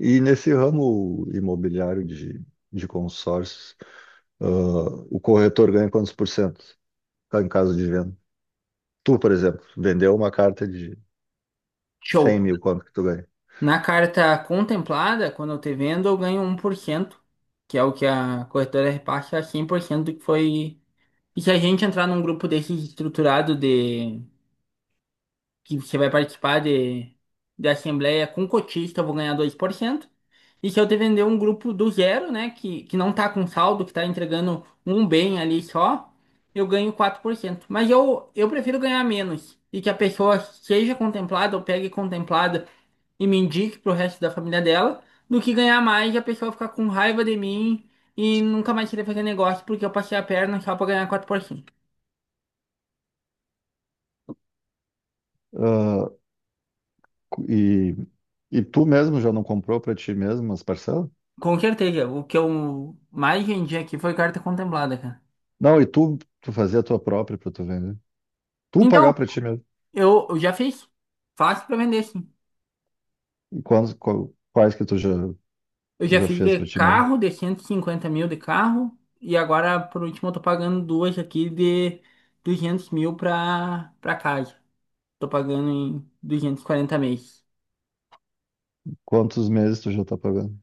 E nesse ramo imobiliário de consórcios, ah, o corretor ganha quantos por cento tá, em caso de venda? Tu, por exemplo, vendeu uma carta de 100 Show. mil, quanto que tu ganha? Na carta contemplada, quando eu te vendo, eu ganho 1%, que é o que a corretora reparte a 100% do que foi. E se a gente entrar num grupo desse estruturado de que você vai participar de assembleia com cotista, eu vou ganhar 2%. E se eu te vender um grupo do zero, né, que não tá com saldo, que tá entregando um bem ali só, eu ganho 4%. Mas eu prefiro ganhar menos e que a pessoa seja contemplada ou pegue contemplada e me indique pro resto da família dela, do que ganhar mais e a pessoa ficar com raiva de mim e nunca mais querer fazer negócio porque eu passei a perna só pra ganhar 4%. Ah, cu- e, e tu mesmo já não comprou para ti mesmo as parcelas? Com certeza. O que eu mais vendi aqui foi carta contemplada, cara. Não, e tu fazia a tua própria para tu vender. Tu Então, pagar para ti mesmo. eu já fiz. Fácil pra vender, sim. E quantos, quais que tu já, Eu já já fiz fez de para ti mesmo? carro, de 150 mil de carro. E agora, por último, eu tô pagando duas aqui de 200 mil pra, pra casa. Tô pagando em 240 meses. Quantos meses tu já tá pagando?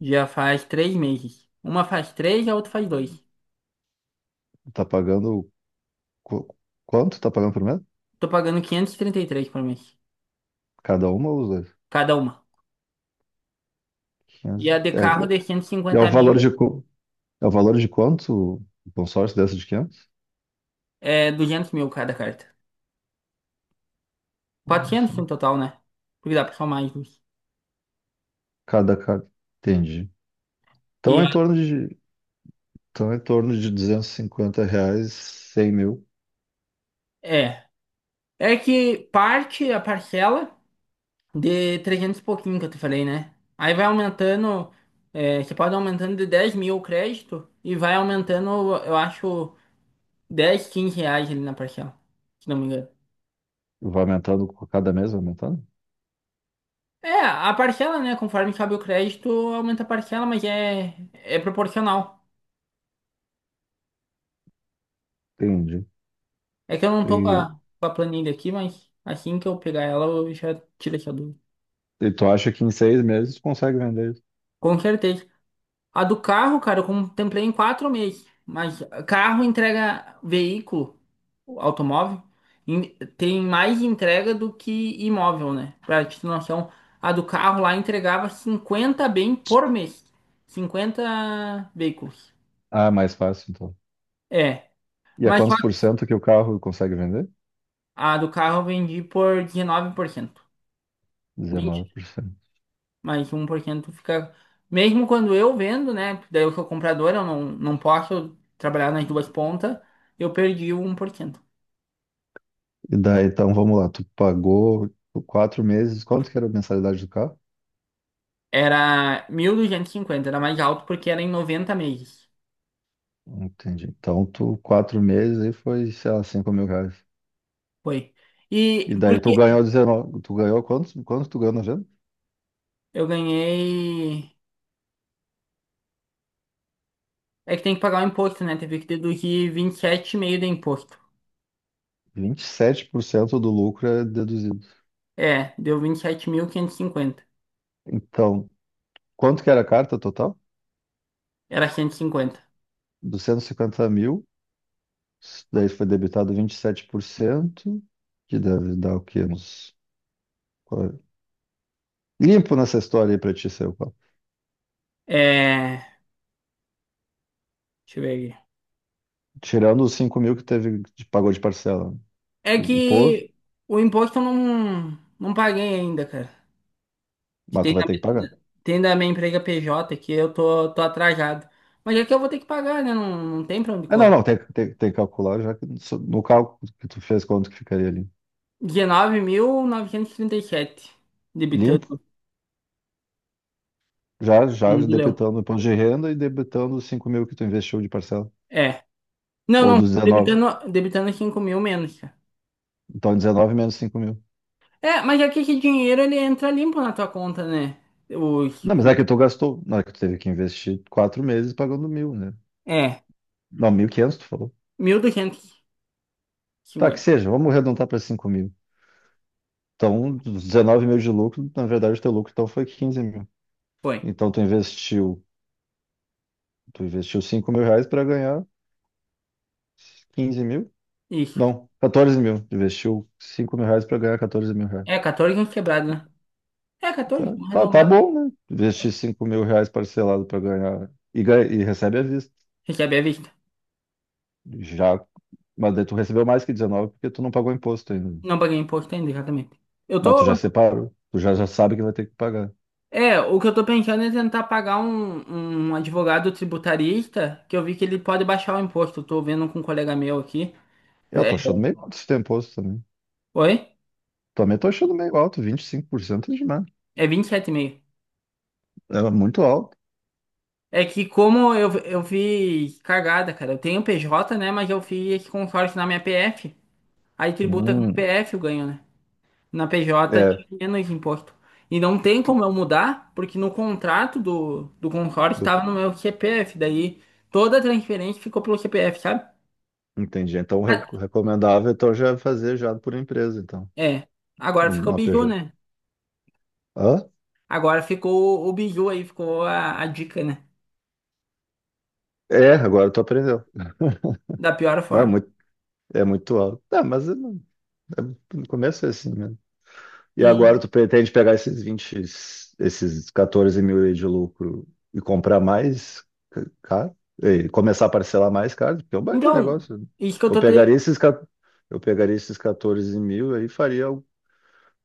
Já faz 3 meses. Uma faz três, a outra faz dois. Tá pagando qu- quanto tá pagando por mês? Tô pagando quinhentos e trinta e três por mês. Cada uma ou os dois? Cada uma. E 500? a de É, carro de cento e e é o cinquenta valor de, mil quanto o consórcio dessa de 500? é 200 mil cada carta. Quatrocentos no total, né? Porque dá pra somar mais duas. Cada, cada. Entendi. Então E é em a- torno de, então é em torno de 250 reais, 100 mil. É. É que parte a parcela de 300 e pouquinho que eu te falei, né? Aí vai aumentando. É, você pode aumentando de 10 mil o crédito e vai aumentando, eu acho, dez, 15 reais ali na parcela, se não me engano. Vai aumentando com cada mês, vai aumentando? É, a parcela, né? Conforme cabe o crédito, aumenta a parcela, mas é proporcional. Entendi. É que eu não tô com E, a planilha aqui, mas assim que eu pegar ela, eu já tiro essa dúvida. e tu acha que em 6 meses tu consegue vender isso? Com certeza. A do carro, cara, eu contemplei em 4 meses. Mas carro entrega veículo, automóvel, em- tem mais entrega do que imóvel, né? Pra te ter noção, a do carro lá entregava 50 bem por mês. Cinquenta veículos. Ah, é mais fácil então. É, E a mas só quantos por que cento que o carro consegue vender? a do carro eu vendi por 19%. Dezenove 20, por cento. mais 1% fica. Mesmo quando eu vendo, né? Porque daí eu sou comprador, eu não posso trabalhar nas duas pontas, eu perdi o 1%. E daí, então vamos lá, tu pagou 4 meses, quanto que era a mensalidade do carro? Era 1.250, era mais alto porque era em 90 meses. Entendi. Então, tu, quatro meses aí foi, sei lá, 5 mil reais. Foi. E E daí porque tu ganhou 19, tu ganhou quantos tu ganhou na venda? eu ganhei. É que tem que pagar o imposto, né? Teve que deduzir vinte e sete e meio de imposto. 27% do lucro é deduzido. É, deu 27.550. Então, quanto que era a carta total? Era 150. 250 mil, daí foi debitado 27% que deve dar o quê? Qua- Limpo nessa história aí pra ti, seu Paulo. É. Deixa eu ver aqui. Tirando os cinco mil que teve, que pagou de parcela. É O que imposto, o imposto eu não paguei ainda, cara. Que mas tem tu vai da, ter que pagar. Tem da minha empresa PJ que eu tô atrasado. Mas é que eu vou ter que pagar, né? Não, tem pra onde É, não, correr. não, tem que calcular já que no cálculo que tu fez, quanto que ficaria ali? 19.937, Limpo, debitando já no do Leão. debitando o imposto de renda e debitando os 5 mil que tu investiu de parcela. É. Não, Ou não, dos 19. debitando, debitando cinco mil menos, cara. Então, 19 menos 5 mil. É, mas é que esse dinheiro ele entra limpo na tua conta, né? Os, Não, mas os, é que tu gastou. Não, é que tu teve que investir 4 meses pagando mil, né? é, Não, 1.500 tu falou. mil duzentos e Tá, que cinquenta seja, vamos arredondar para 5 mil. Então, dos 19 mil de lucro, na verdade, o teu lucro então foi 15 mil. Foi. Então, tu investiu 5 mil reais para ganhar 15 mil. Isso. Não, 14 mil. Investiu 5 mil reais para ganhar 14 mil reais. É, 14 anos quebrado né? É, 14, Tá, vamos tá, tá arredondar. bom, né? Investir 5 mil reais parcelado para ganhar e recebe à vista. Recebe à vista. Já, mas daí tu recebeu mais que 19 porque tu não pagou imposto ainda. Não paguei imposto ainda, exatamente. Eu Mas tu já tô. separou. Tu já sabe que vai ter que pagar. É, o que eu tô pensando é tentar pagar um advogado tributarista, que eu vi que ele pode baixar o imposto. Eu tô vendo com um colega meu aqui. Eu É, tô achando meio alto esse teu imposto também. oi? Também tô achando meio alto, 25% é demais. É vinte e sete e meio. É muito alto. É que como eu vi cagada, cara. Eu tenho PJ, né? Mas eu fiz com sorte na minha PF. Aí tributa com Hum, PF eu ganho, né? Na PJ é, tinha menos imposto. E não tem tu- como eu mudar, porque no contrato do consórcio do- estava no meu CPF. Daí toda a transferência ficou pelo CPF, sabe? entendi. Então, o Ah, recomendável então, já é fazer já por empresa, então, é. Agora ficou o numa Biju, PJ. né? Hã? Agora ficou o Biju aí, ficou a dica, né? É, agora tu aprendeu. Da pior Não, é forma. muito, é muito alto. Tá, mas eu é- no começo é assim mesmo. E E agora tu pretende pegar esses 14 mil aí de lucro e comprar mais caro? E começar a parcelar mais caro? Porque é um baita então, negócio, né? isso que eu Eu tô te... pegaria esses, ca- eu pegaria esses 14 mil aí e faria um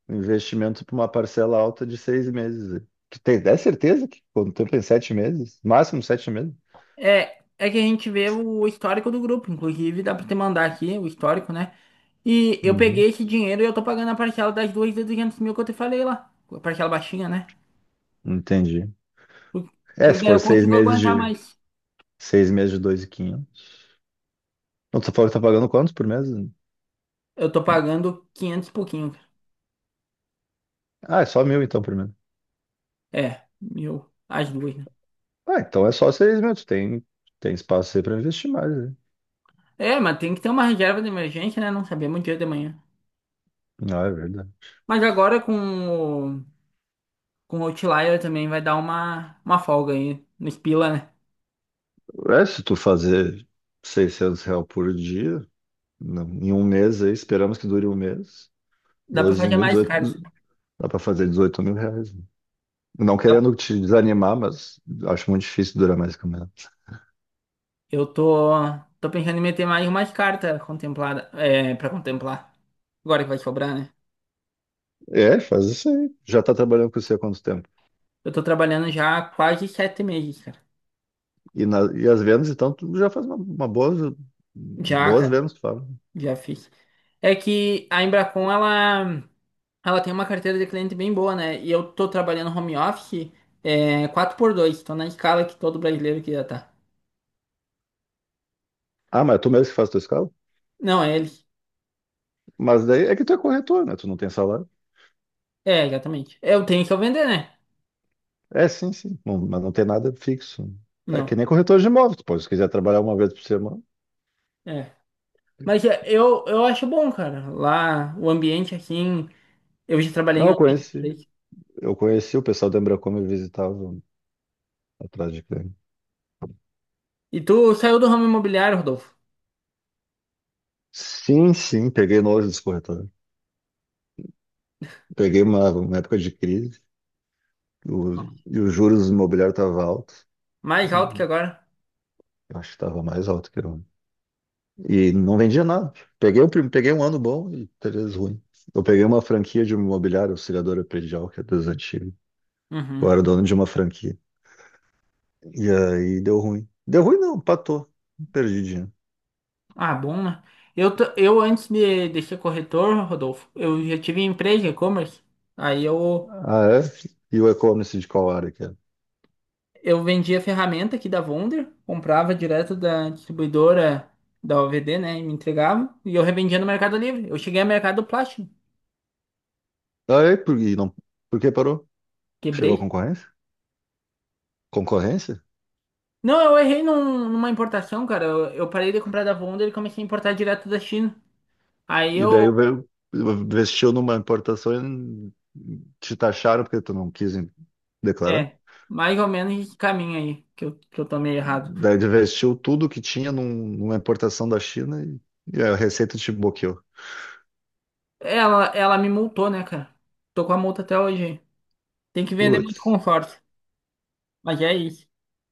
investimento para uma parcela alta de 6 meses aí. Que tem, é certeza que quanto tempo em 7 meses? Máximo 7 meses? É, é que a gente vê o histórico do grupo, inclusive dá pra te mandar aqui o histórico, né? E eu Uhum. peguei esse dinheiro e eu tô pagando a parcela das duas de 200 mil que eu te falei lá. A parcela baixinha, né? Entendi. Por- É, se Porque for eu seis consigo meses aguentar de. mais. Seis meses de 2.500. Não, tu falou que tá pagando quantos por mês? Eu tô pagando 500 e pouquinho, cara. Ah, é só mil então por mês. É, mil, as duas, né? Ah, então é só 6 meses. Tu tem espaço aí pra investir mais, né? É, mas tem que ter uma reserva de emergência, né? Não sabemos o dia de manhã. Não, é verdade. Mas agora com o Outlier também vai dar uma folga aí no Spila, né? É, se tu fazer 600 reais por dia, não, em um mês aí, esperamos que dure um mês. Dá pra doze fazer mil, mais 18, cartas. dá pra fazer 18 mil reais, né? Não querendo te desanimar, mas acho muito difícil durar mais que um mês. Eu tô, tô pensando em meter mais umas cartas contemplada, é, para contemplar. Agora que vai sobrar, né? É, faz isso aí. Já tá trabalhando com você há quanto tempo? Eu tô trabalhando já há quase 7 meses, cara. E as vendas, então, tu já faz uma boas, Já, boas cara, vendas, tu fala. já fiz. É que a Embracon, ela tem uma carteira de cliente bem boa, né? E eu tô trabalhando home office, é, quatro por dois. Tô na escala que todo brasileiro que já tá. Ah, mas é tu mesmo que faz tua escala? Não, é eles. Mas daí é que tu é corretor, né? Tu não tem salário. É, exatamente. Eu tenho que eu vender, né? É, sim, sim. Mas não tem nada fixo. É que Não, nem corretor de imóveis. Tu pode, se quiser trabalhar uma vez por semana. é. Mas é, eu acho bom, cara. Lá, o ambiente, assim... Eu já trabalhei Não, em eu outras conheci. empresas. Eu conheci o pessoal da Embracon me visitava atrás de cliente. E tu saiu do ramo imobiliário, Rodolfo? Sim, sim, peguei nojo dos corretores. Peguei uma época de crise o- e os juros imobiliários estavam altos. Mais alto que Hum, agora? Eu acho que estava mais alto que eu. E não vendia nada. Peguei um ano bom e três ruim. Eu peguei uma franquia de imobiliária auxiliadora predial, que é das antigas. Uhum. Eu era dono de uma franquia. E aí deu ruim. Deu ruim não, patou. Perdi dinheiro. Ah, bom, né? Eu antes de ser corretor, Rodolfo, eu já tive empresa de e-commerce. Aí eu, Ah, é? E o e-commerce de qual área que era? eu vendia ferramenta aqui da Wonder, comprava direto da distribuidora da OVD, né? E me entregava. E eu revendia no Mercado Livre. Eu cheguei ao Mercado Plástico. Ah, é? Por, e não, por que parou? Chegou a Quebrei. concorrência? Concorrência? Não, eu errei numa importação, cara. Eu parei de comprar da Wonder e comecei a importar direto da China. Aí E daí eu... veio, investiu numa importação e te taxaram porque tu não quis declarar? É, mais ou menos esse caminho aí que eu tomei errado. Daí investiu tudo que tinha numa importação da China e a receita te bloqueou. Ela me multou, né, cara? Tô com a multa até hoje aí. Tem que vender Putz, muito conforto. Mas é isso.